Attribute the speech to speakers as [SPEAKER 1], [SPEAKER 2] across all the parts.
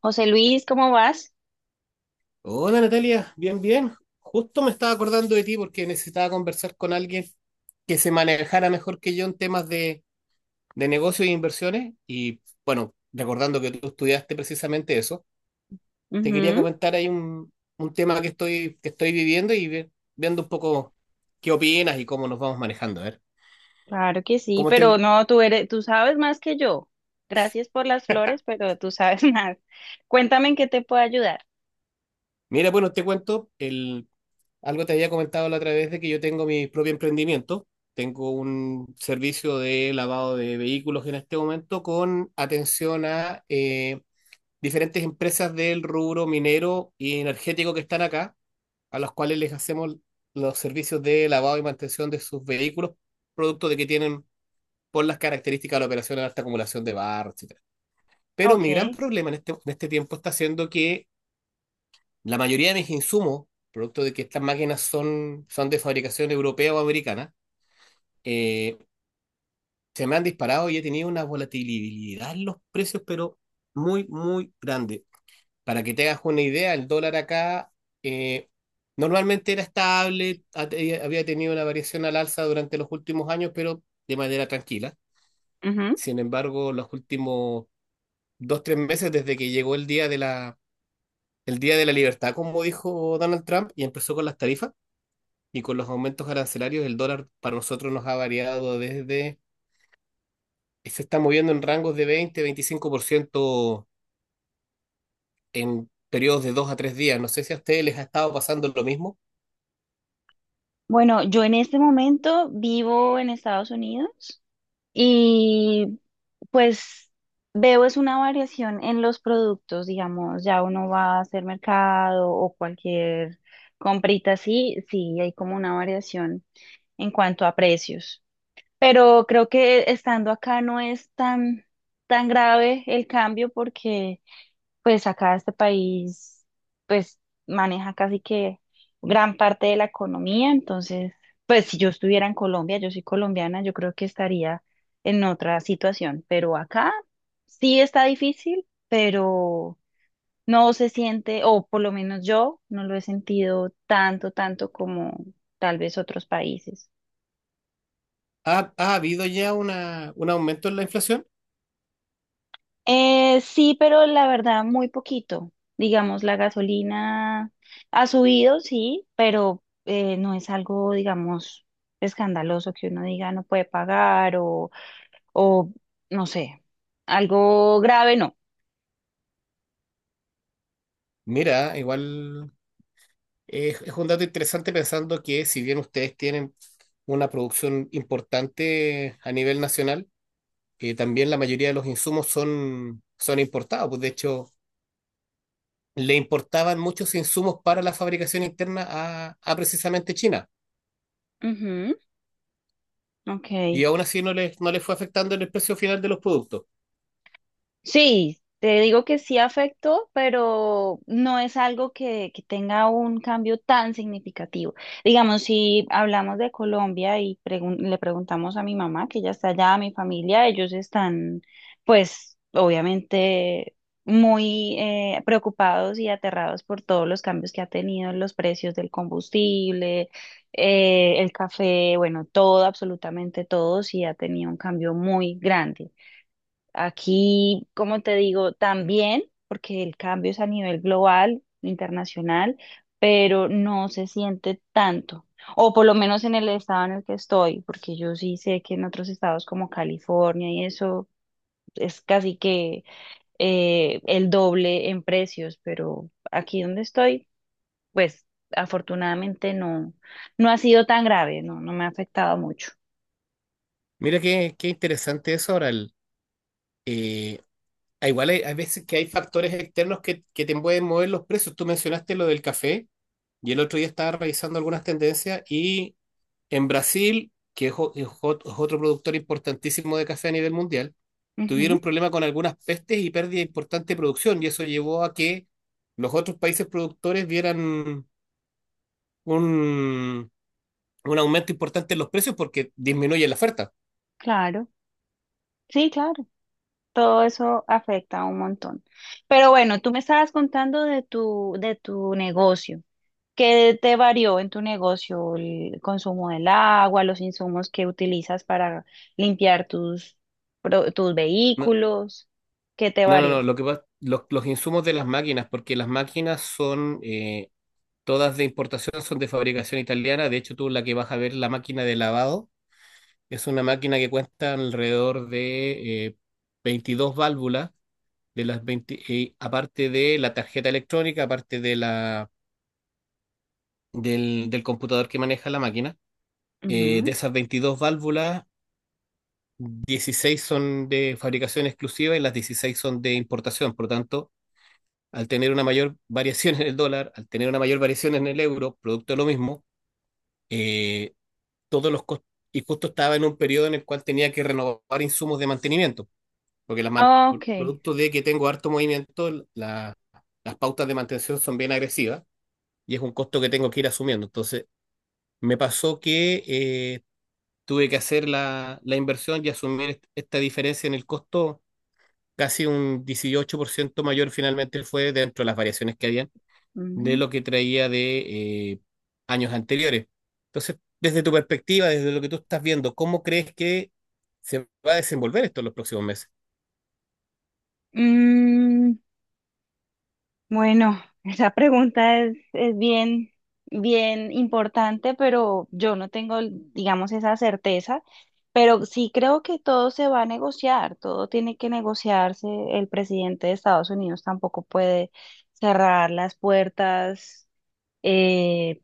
[SPEAKER 1] José Luis, ¿cómo vas?
[SPEAKER 2] Hola Natalia, bien, bien. Justo me estaba acordando de ti porque necesitaba conversar con alguien que se manejara mejor que yo en temas de negocios e inversiones. Y bueno, recordando que tú estudiaste precisamente eso, te quería
[SPEAKER 1] Ujú,
[SPEAKER 2] comentar ahí un tema que estoy viviendo y viendo un poco qué opinas y cómo nos vamos manejando. A ver,
[SPEAKER 1] claro que sí,
[SPEAKER 2] ¿cómo te...
[SPEAKER 1] pero no, tú eres, tú sabes más que yo. Gracias por las flores, pero tú sabes más. Cuéntame en qué te puedo ayudar.
[SPEAKER 2] Mira, bueno, te cuento, algo te había comentado la otra vez de que yo tengo mi propio emprendimiento. Tengo un servicio de lavado de vehículos en este momento con atención a diferentes empresas del rubro minero y energético que están acá, a las cuales les hacemos los servicios de lavado y mantención de sus vehículos, producto de que tienen por las características de la operación de alta acumulación de barro, etcétera. Pero mi
[SPEAKER 1] Ok.
[SPEAKER 2] gran problema en este tiempo está siendo que la mayoría de mis insumos, producto de que estas máquinas son de fabricación europea o americana, eh, se me han disparado y he tenido una volatilidad en los precios, pero muy, muy grande. Para que te hagas una idea, el dólar acá eh, normalmente era estable, había tenido una variación al alza durante los últimos años, pero de manera tranquila.
[SPEAKER 1] Ujú.
[SPEAKER 2] Sin embargo, los últimos dos, tres meses desde que llegó el día de la libertad, como dijo Donald Trump, y empezó con las tarifas y con los aumentos arancelarios el dólar para nosotros nos ha se está moviendo en rangos de 20, 25% en periodos de dos a tres días. No sé si a ustedes les ha estado pasando lo mismo.
[SPEAKER 1] Bueno, yo en este momento vivo en Estados Unidos y pues veo es una variación en los productos, digamos, ya uno va a hacer mercado o cualquier comprita así, sí, hay como una variación en cuanto a precios. Pero creo que estando acá no es tan, tan grave el cambio porque pues acá este país pues maneja casi que gran parte de la economía. Entonces, pues si yo estuviera en Colombia, yo soy colombiana, yo creo que estaría en otra situación. Pero acá sí está difícil, pero no se siente, o por lo menos yo no lo he sentido tanto, tanto como tal vez otros países.
[SPEAKER 2] ¿Ha habido ya un aumento en la inflación?
[SPEAKER 1] Sí, pero la verdad, muy poquito. Digamos, la gasolina ha subido, sí, pero no es algo, digamos, escandaloso que uno diga no puede pagar o no sé, algo grave, no.
[SPEAKER 2] Mira, igual es un dato interesante pensando que si bien ustedes tienen una producción importante a nivel nacional, también la mayoría de los insumos son importados. Pues de hecho, le importaban muchos insumos para la fabricación interna a precisamente China.
[SPEAKER 1] Ujú, ok.
[SPEAKER 2] Y aún así no les fue afectando en el precio final de los productos.
[SPEAKER 1] Sí, te digo que sí afectó, pero no es algo que tenga un cambio tan significativo. Digamos, si hablamos de Colombia y le preguntamos a mi mamá, que ya está allá, a mi familia, ellos están, pues, obviamente muy preocupados y aterrados por todos los cambios que ha tenido en los precios del combustible, el café, bueno, todo, absolutamente todo, sí ha tenido un cambio muy grande. Aquí, como te digo, también, porque el cambio es a nivel global, internacional, pero no se siente tanto, o por lo menos en el estado en el que estoy, porque yo sí sé que en otros estados como California y eso es casi que el doble en precios, pero aquí donde estoy, pues afortunadamente no, no ha sido tan grave, no, no me ha afectado mucho.
[SPEAKER 2] Mira qué, qué interesante eso ahora. Eh, Igual hay, hay veces que hay factores externos que te pueden mover los precios. Tú mencionaste lo del café y el otro día estaba revisando algunas tendencias y en Brasil, que es otro productor importantísimo de café a nivel mundial,
[SPEAKER 1] Ujú,
[SPEAKER 2] tuvieron problema con algunas pestes y pérdida de importante producción, y eso llevó a que los otros países productores vieran un, un aumento importante en los precios porque disminuye la oferta.
[SPEAKER 1] claro, sí, claro. Todo eso afecta un montón. Pero bueno, tú me estabas contando de tu negocio. ¿Qué te varió en tu negocio? El consumo del agua, los insumos que utilizas para limpiar tus, tus
[SPEAKER 2] No,
[SPEAKER 1] vehículos. ¿Qué te
[SPEAKER 2] no, no, no,
[SPEAKER 1] varió?
[SPEAKER 2] los insumos de las máquinas, porque las máquinas son todas de importación, son de fabricación italiana. De hecho, tú la que vas a ver, la máquina de lavado, es una máquina que cuesta alrededor de 22 válvulas, de las 20 aparte de la tarjeta electrónica, aparte de la del computador que maneja la máquina.
[SPEAKER 1] Ujú.
[SPEAKER 2] De esas 22 válvulas, 16 son de fabricación exclusiva y las 16 son de importación. Por lo tanto, al tener una mayor variación en el dólar, al tener una mayor variación en el euro, producto de lo mismo, eh, todos los costos, y justo estaba en un periodo en el cual tenía que renovar insumos de mantenimiento, porque por
[SPEAKER 1] Ok.
[SPEAKER 2] producto de que tengo harto movimiento, las pautas de mantención son bien agresivas y es un costo que tengo que ir asumiendo. Entonces, me pasó que tuve que hacer la inversión y asumir esta diferencia en el costo, casi un 18% mayor finalmente fue dentro de las variaciones que habían de
[SPEAKER 1] Ujú.
[SPEAKER 2] lo que traía de años anteriores. Entonces, desde tu perspectiva, desde lo que tú estás viendo, ¿cómo crees que se va a desenvolver esto en los próximos meses?
[SPEAKER 1] Mm, Bueno, esa pregunta es bien, bien importante, pero yo no tengo, digamos, esa certeza. Pero sí creo que todo se va a negociar, todo tiene que negociarse. El presidente de Estados Unidos tampoco puede cerrar las puertas, eh,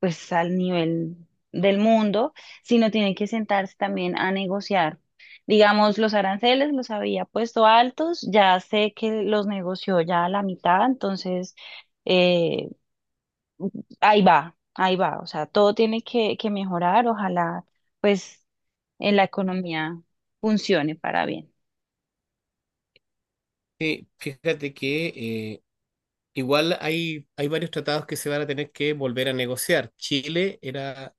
[SPEAKER 1] pues al nivel del mundo, sino tienen que sentarse también a negociar. Digamos, los aranceles los había puesto altos, ya sé que los negoció ya a la mitad, entonces eh, ahí va, o sea, todo tiene que mejorar, ojalá pues en la economía funcione para bien.
[SPEAKER 2] Sí, fíjate que igual hay, hay varios tratados que se van a tener que volver a negociar. Chile era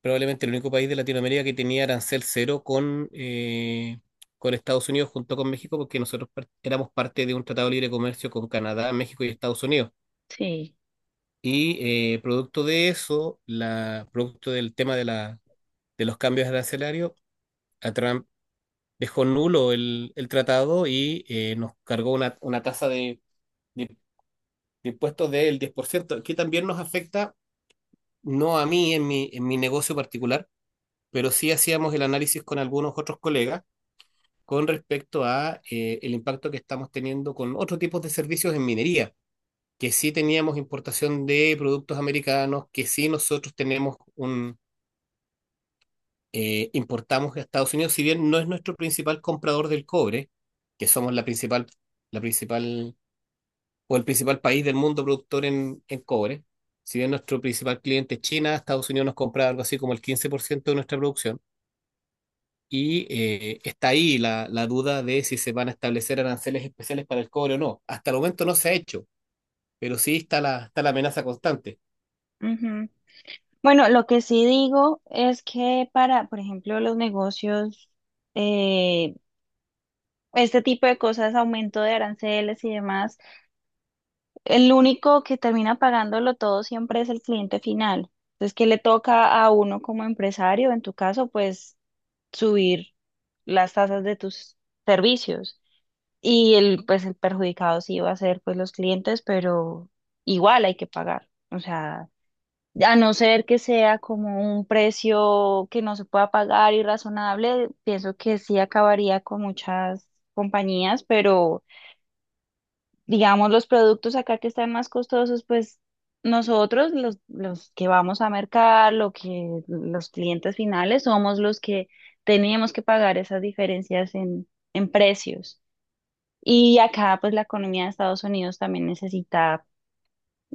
[SPEAKER 2] probablemente el único país de Latinoamérica que tenía arancel cero con Estados Unidos junto con México, porque nosotros éramos parte de un tratado de libre comercio con Canadá, México y Estados Unidos.
[SPEAKER 1] Sí.
[SPEAKER 2] Y producto de eso, producto del tema de los cambios arancelarios, a Trump dejó nulo el tratado y nos cargó una tasa de- de impuestos del 10% que también nos afecta, no a mí en en mi negocio particular, pero sí hacíamos el análisis con algunos otros colegas con respecto a el impacto que estamos teniendo con otros tipos de servicios en minería, que sí teníamos importación de productos americanos, que sí nosotros importamos a Estados Unidos, si bien no es nuestro principal comprador del cobre, que somos la principal o el principal país del mundo productor en cobre, si bien nuestro principal cliente es China, Estados Unidos nos compra algo así como el 15% de nuestra producción. Y está ahí la duda de si se van a establecer aranceles especiales para el cobre o no. Hasta el momento no se ha hecho, pero sí está está la amenaza constante.
[SPEAKER 1] Ujú. Bueno, lo que sí digo es que para, por ejemplo, los negocios eh, este tipo de cosas, aumento de aranceles y demás, el único que termina pagándolo todo siempre es el cliente final. Entonces, ¿qué le toca a uno como empresario? En tu caso, pues subir las tasas de tus servicios. Y el, pues el perjudicado sí va a ser pues los clientes, pero igual hay que pagar. O sea, a no ser que sea como un precio que no se pueda pagar y razonable, pienso que sí acabaría con muchas compañías, pero digamos, los productos acá que están más costosos, pues nosotros, los que vamos a mercar, lo que los clientes finales, somos los que teníamos que pagar esas diferencias en precios. Y acá, pues la economía de Estados Unidos también necesita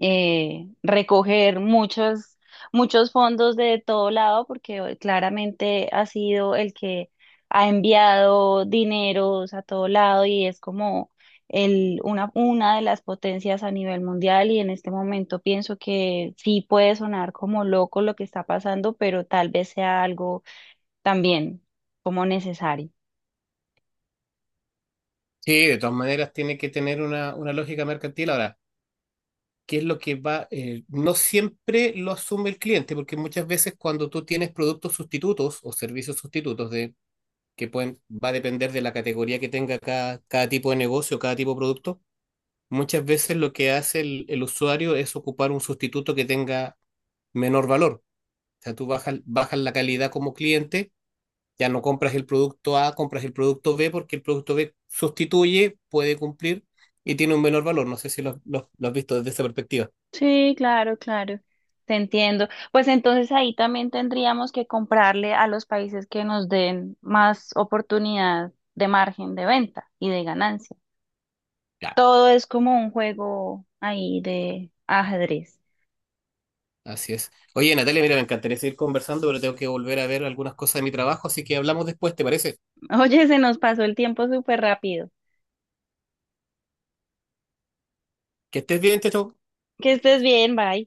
[SPEAKER 1] recoger muchos, muchos fondos de todo lado, porque claramente ha sido el que ha enviado dineros a todo lado y es como el, una de las potencias a nivel mundial y en este momento pienso que sí puede sonar como loco lo que está pasando, pero tal vez sea algo también como necesario.
[SPEAKER 2] Sí, de todas maneras tiene que tener una lógica mercantil. Ahora, ¿qué es lo que va? No siempre lo asume el cliente, porque muchas veces cuando tú tienes productos sustitutos o servicios sustitutos de, que pueden, va a depender de la categoría que tenga cada, cada tipo de negocio, cada tipo de producto, muchas veces lo que hace el usuario es ocupar un sustituto que tenga menor valor. O sea, tú bajas, bajas la calidad como cliente, ya no compras el producto A, compras el producto B porque el producto B sustituye, puede cumplir y tiene un menor valor. No sé si lo has visto desde esa perspectiva.
[SPEAKER 1] Sí, claro, claro. Te entiendo. Pues entonces ahí también tendríamos que comprarle a los países que nos den más oportunidad de margen de venta y de ganancia.
[SPEAKER 2] Claro,
[SPEAKER 1] Todo es como un juego ahí de ajedrez.
[SPEAKER 2] así es. Oye, Natalia, mira, me encantaría seguir conversando, pero tengo que volver a ver algunas cosas de mi trabajo, así que hablamos después, ¿te parece?
[SPEAKER 1] Oye, se nos pasó el tiempo súper rápido.
[SPEAKER 2] Que estés bien, Teto.
[SPEAKER 1] Que estés bien, bye.